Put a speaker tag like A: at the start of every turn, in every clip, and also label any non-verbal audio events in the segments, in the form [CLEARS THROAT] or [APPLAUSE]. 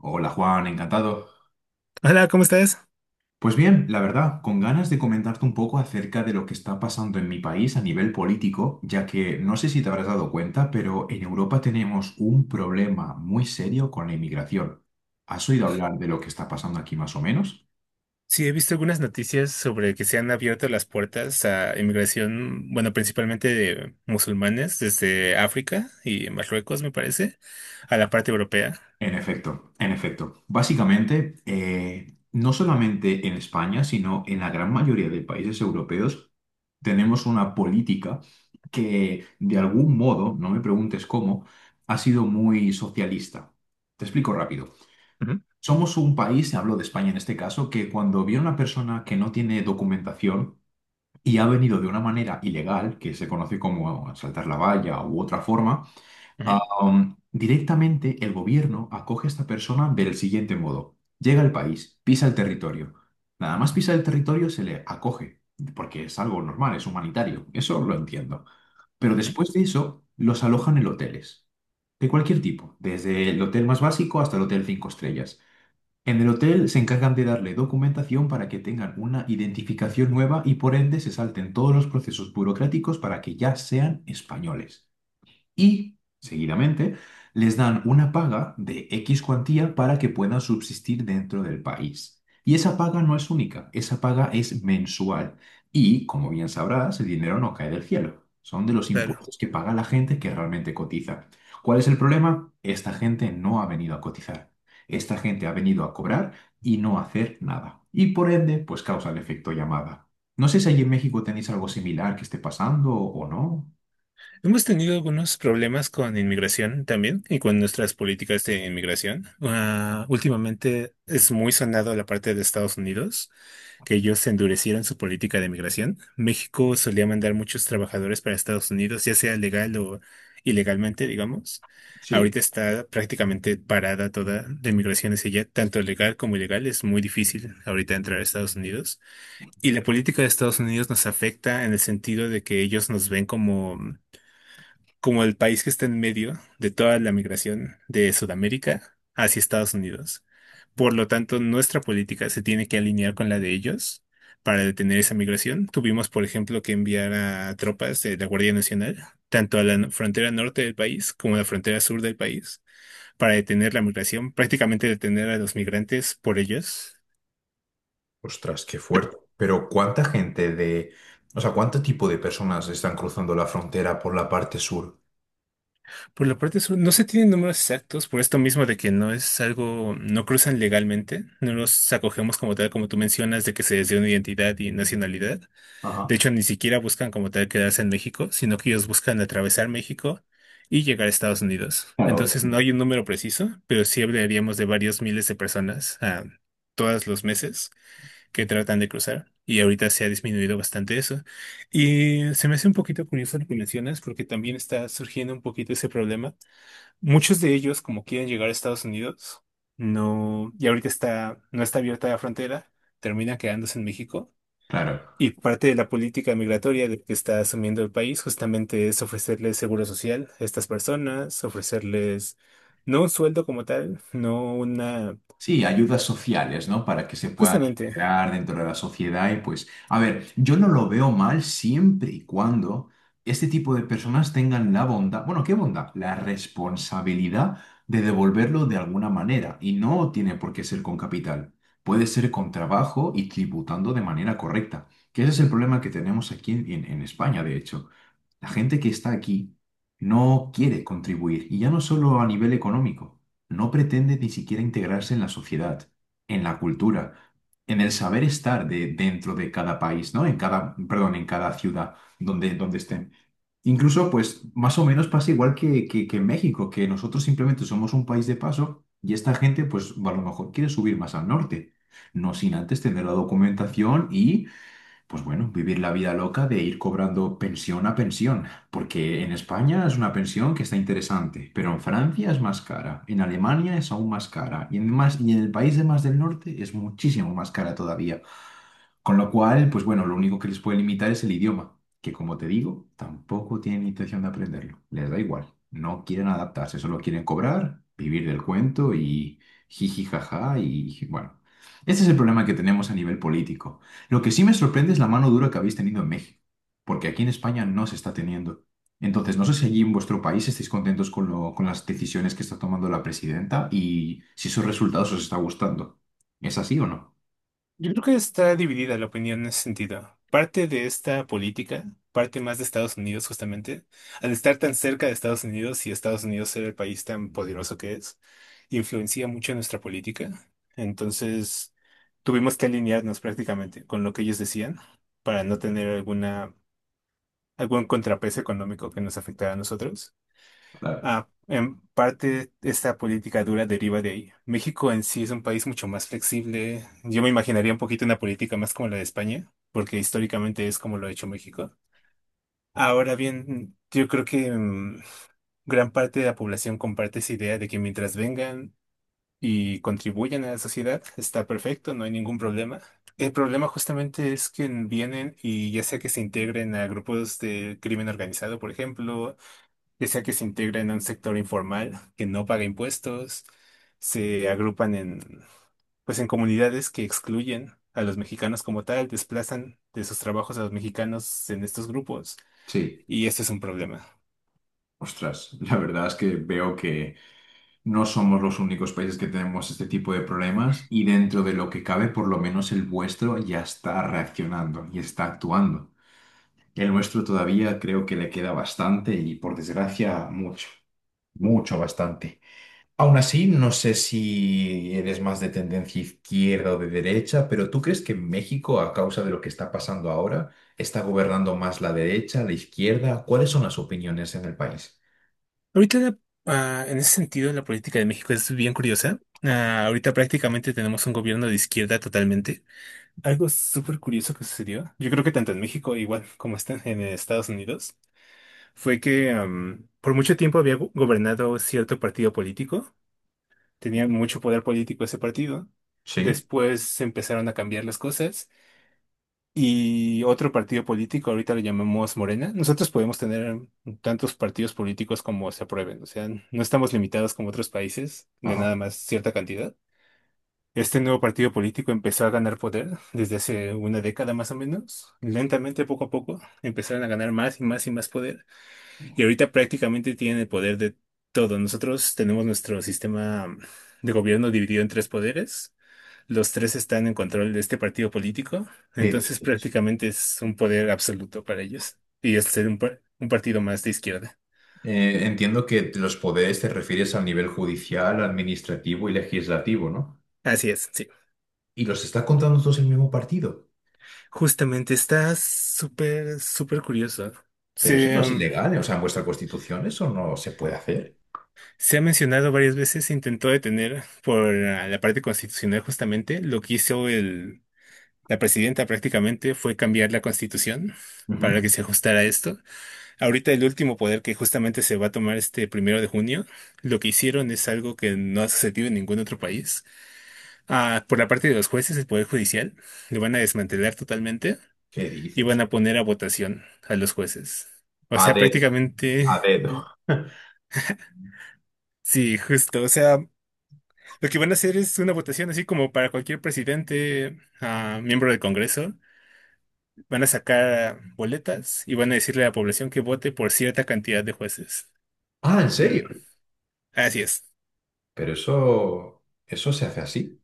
A: Hola Juan, encantado.
B: Hola, ¿cómo estás?
A: Pues bien, la verdad, con ganas de comentarte un poco acerca de lo que está pasando en mi país a nivel político, ya que no sé si te habrás dado cuenta, pero en Europa tenemos un problema muy serio con la inmigración. ¿Has oído hablar de lo que está pasando aquí más o menos?
B: Sí, he visto algunas noticias sobre que se han abierto las puertas a inmigración, bueno, principalmente de musulmanes desde África y Marruecos, me parece, a la parte europea.
A: En efecto, en efecto. Básicamente, no solamente en España, sino en la gran mayoría de países europeos, tenemos una política que, de algún modo, no me preguntes cómo, ha sido muy socialista. Te explico rápido.
B: Ujú.
A: Somos un país, hablo de España en este caso, que cuando viene una persona que no tiene documentación y ha venido de una manera ilegal, que se conoce como saltar la valla u otra forma.
B: Ujú,
A: Directamente el gobierno acoge a esta persona del siguiente modo. Llega al país, pisa el territorio. Nada más pisa el territorio se le acoge, porque es algo normal, es humanitario, eso lo entiendo. Pero
B: ujú.
A: después de eso, los alojan en hoteles de cualquier tipo, desde el hotel más básico hasta el hotel cinco estrellas. En el hotel se encargan de darle documentación para que tengan una identificación nueva y por ende se salten todos los procesos burocráticos para que ya sean españoles y, seguidamente, les dan una paga de X cuantía para que puedan subsistir dentro del país. Y esa paga no es única, esa paga es mensual. Y, como bien sabrás, el dinero no cae del cielo. Son de los
B: Claro.
A: impuestos que paga la gente que realmente cotiza. ¿Cuál es el problema? Esta gente no ha venido a cotizar. Esta gente ha venido a cobrar y no a hacer nada. Y por ende, pues causa el efecto llamada. No sé si allí en México tenéis algo similar que esté pasando o no.
B: Hemos tenido algunos problemas con inmigración también y con nuestras políticas de inmigración. Ah, últimamente es muy sonado la parte de Estados Unidos, que ellos endurecieron su política de inmigración. México solía mandar muchos trabajadores para Estados Unidos, ya sea legal o ilegalmente, digamos.
A: Sí.
B: Ahorita está prácticamente parada toda la inmigración hacia allá, tanto legal como ilegal. Es muy difícil ahorita entrar a Estados Unidos. Y la política de Estados Unidos nos afecta en el sentido de que ellos nos ven como el país que está en medio de toda la migración de Sudamérica hacia Estados Unidos. Por lo tanto, nuestra política se tiene que alinear con la de ellos para detener esa migración. Tuvimos, por ejemplo, que enviar a tropas de la Guardia Nacional, tanto a la frontera norte del país como a la frontera sur del país, para detener la migración, prácticamente detener a los migrantes por ellos.
A: Ostras, qué fuerte. Pero ¿cuánta gente de, o sea, cuánto tipo de personas están cruzando la frontera por la parte sur?
B: Por la parte sur, no se tienen números exactos por esto mismo de que no es algo, no cruzan legalmente, no los acogemos como tal, como tú mencionas, de que se les dio una identidad y nacionalidad. De
A: Ajá.
B: hecho, ni siquiera buscan como tal quedarse en México, sino que ellos buscan atravesar México y llegar a Estados Unidos.
A: Claro,
B: Entonces, no
A: obviamente.
B: hay un número preciso, pero sí hablaríamos de varios miles de personas todos los meses que tratan de cruzar. Y ahorita se ha disminuido bastante eso. Y se me hace un poquito curioso lo que mencionas, porque también está surgiendo un poquito ese problema. Muchos de ellos, como quieren llegar a Estados Unidos, no, y ahorita está, no está abierta la frontera, termina quedándose en México.
A: Claro.
B: Y parte de la política migratoria que está asumiendo el país justamente es ofrecerles seguro social a estas personas, ofrecerles no un sueldo como tal, no una,
A: Sí, ayudas sociales, ¿no? Para que se puedan
B: justamente.
A: integrar dentro de la sociedad y pues, a ver, yo no lo veo mal siempre y cuando este tipo de personas tengan la bondad, bueno, ¿qué bondad? La responsabilidad de devolverlo de alguna manera y no tiene por qué ser con capital. Puede ser con trabajo y tributando de manera correcta, que ese es el problema que tenemos aquí en España, de hecho. La gente que está aquí no quiere contribuir y ya no solo a nivel económico no pretende ni siquiera integrarse en la sociedad, en la cultura, en el saber estar dentro de cada país, ¿no? En cada, perdón, en cada ciudad donde estén. Incluso, pues, más o menos pasa igual que en México, que nosotros simplemente somos un país de paso y esta gente, pues, a lo mejor quiere subir más al norte, no sin antes tener la documentación y pues bueno, vivir la vida loca de ir cobrando pensión a pensión, porque en España es una pensión que está interesante, pero en Francia es más cara, en Alemania es aún más cara, y en el país de más del norte es muchísimo más cara todavía. Con lo cual, pues bueno, lo único que les puede limitar es el idioma, que como te digo, tampoco tienen intención de aprenderlo. Les da igual, no quieren adaptarse, solo quieren cobrar, vivir del cuento y jiji jaja y bueno. Este es el problema que tenemos a nivel político. Lo que sí me sorprende es la mano dura que habéis tenido en México, porque aquí en España no se está teniendo. Entonces, no sé si allí en vuestro país estáis contentos con con las decisiones que está tomando la presidenta y si sus resultados os está gustando. ¿Es así o no?
B: Yo creo que está dividida la opinión en ese sentido. Parte de esta política, parte más de Estados Unidos justamente, al estar tan cerca de Estados Unidos y Estados Unidos ser el país tan poderoso que es, influencia mucho nuestra política. Entonces, tuvimos que alinearnos prácticamente con lo que ellos decían para no tener alguna, algún contrapeso económico que nos afectara a nosotros.
A: Claro.
B: Ah, en parte esta política dura deriva de ahí. México en sí es un país mucho más flexible. Yo me imaginaría un poquito una política más como la de España, porque históricamente es como lo ha hecho México. Ahora bien, yo creo que gran parte de la población comparte esa idea de que mientras vengan y contribuyan a la sociedad, está perfecto, no hay ningún problema. El problema justamente es que vienen y ya sea que se integren a grupos de crimen organizado, por ejemplo, ya sea que se integren a un sector informal que no paga impuestos, se agrupan en, pues en comunidades que excluyen a los mexicanos como tal, desplazan de sus trabajos a los mexicanos en estos grupos,
A: Sí.
B: y esto es un problema.
A: Ostras, la verdad es que veo que no somos los únicos países que tenemos este tipo de problemas y dentro de lo que cabe, por lo menos el vuestro ya está reaccionando y está actuando. El nuestro todavía creo que le queda bastante y por desgracia mucho, mucho bastante. Aún así, no sé si eres más de tendencia izquierda o de derecha, pero ¿tú crees que en México, a causa de lo que está pasando ahora, está gobernando más la derecha, la izquierda? ¿Cuáles son las opiniones en el país?
B: Ahorita, en ese sentido, la política de México es bien curiosa. Ah, ahorita prácticamente tenemos un gobierno de izquierda totalmente. Algo súper curioso que sucedió. Yo creo que tanto en México, igual como están en Estados Unidos, fue que por mucho tiempo había gobernado cierto partido político, tenía mucho poder político ese partido.
A: Sí.
B: Después empezaron a cambiar las cosas y otro partido político, ahorita lo llamamos Morena. Nosotros podemos tener tantos partidos políticos como se aprueben, o sea, no estamos limitados como otros países de nada
A: Ajá.
B: más cierta cantidad. Este nuevo partido político empezó a ganar poder desde hace una década más o menos. Lentamente, poco a poco, empezaron a ganar más y más y más poder. Y ahorita prácticamente tienen el poder de todo. Nosotros tenemos nuestro sistema de gobierno dividido en tres poderes. Los tres están en control de este partido político.
A: ¿Qué
B: Entonces
A: dices?
B: prácticamente es un poder absoluto para ellos. Y es ser un partido más de izquierda.
A: Entiendo que los poderes te refieres al nivel judicial, administrativo y legislativo, ¿no?
B: Así es, sí.
A: Y los está contando todos en el mismo partido.
B: Justamente está súper, súper curioso.
A: Pero eso no
B: Se,
A: es
B: um,
A: ilegal, ¿eh? O sea, en vuestra constitución eso no se puede hacer.
B: Se ha mencionado varias veces, se intentó detener por la parte constitucional justamente lo que hizo el. La presidenta prácticamente fue cambiar la constitución
A: Ujú.
B: para que se ajustara a esto. Ahorita el último poder que justamente se va a tomar este primero de junio, lo que hicieron es algo que no ha sucedido en ningún otro país. Ah, por la parte de los jueces, el poder judicial, lo van a desmantelar totalmente
A: ¿Qué
B: y van
A: dices?
B: a poner a votación a los jueces. O
A: A
B: sea,
A: dedo, a
B: prácticamente,
A: dedo. [LAUGHS]
B: sí, justo. O sea, lo que van a hacer es una votación así como para cualquier presidente, miembro del Congreso. Van a sacar boletas y van a decirle a la población que vote por cierta cantidad de jueces.
A: Ah, ¿en serio?
B: Mm, así es.
A: Pero eso se hace así.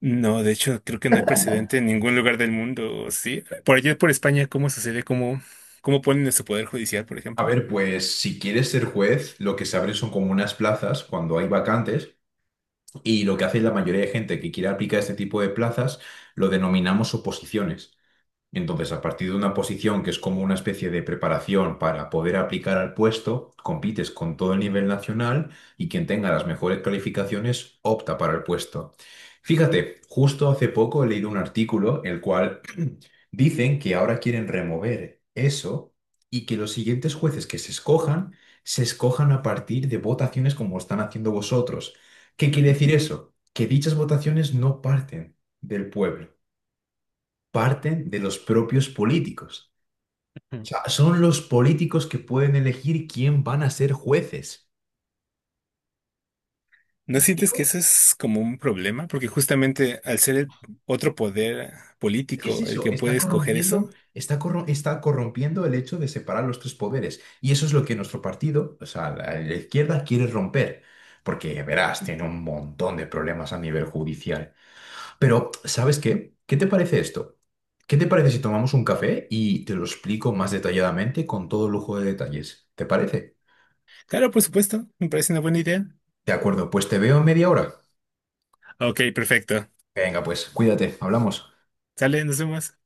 B: No, de hecho, creo que no hay precedente en ningún lugar del mundo, ¿sí? Por allá por España, ¿cómo sucede? ¿Cómo, cómo ponen su poder judicial, por
A: A
B: ejemplo?
A: ver, pues si quieres ser juez, lo que se abren son como unas plazas cuando hay vacantes y lo que hace la mayoría de gente que quiere aplicar este tipo de plazas lo denominamos oposiciones. Entonces, a partir de una posición que es como una especie de preparación para poder aplicar al puesto, compites con todo el nivel nacional y quien tenga las mejores calificaciones opta para el puesto. Fíjate, justo hace poco he leído un artículo el cual [CLEARS THROAT] dicen que ahora quieren remover eso y que los siguientes jueces que se escojan a partir de votaciones como están haciendo vosotros. ¿Qué quiere
B: [LAUGHS]
A: decir eso? Que dichas votaciones no parten del pueblo, parten de los propios políticos. O
B: Ujú.
A: sea, son los políticos que pueden elegir quién van a ser jueces. ¿Me
B: ¿No sientes
A: explico?
B: que eso es como un problema? Porque justamente al ser el otro poder
A: ¿Qué es
B: político el
A: eso?
B: que
A: Está
B: puede escoger eso,
A: corrompiendo, está corrompiendo el hecho de separar los tres poderes. Y eso es lo que nuestro partido, o sea, la izquierda quiere romper. Porque, verás, tiene un montón de problemas a nivel judicial. Pero, ¿sabes qué? ¿Qué te parece esto? ¿Qué te parece si tomamos un café y te lo explico más detalladamente con todo lujo de detalles? ¿Te parece?
B: Claro, por supuesto, me parece una buena idea.
A: De acuerdo, pues te veo en media hora.
B: Ok, perfecto.
A: Venga, pues, cuídate, hablamos.
B: Sale, nos vemos.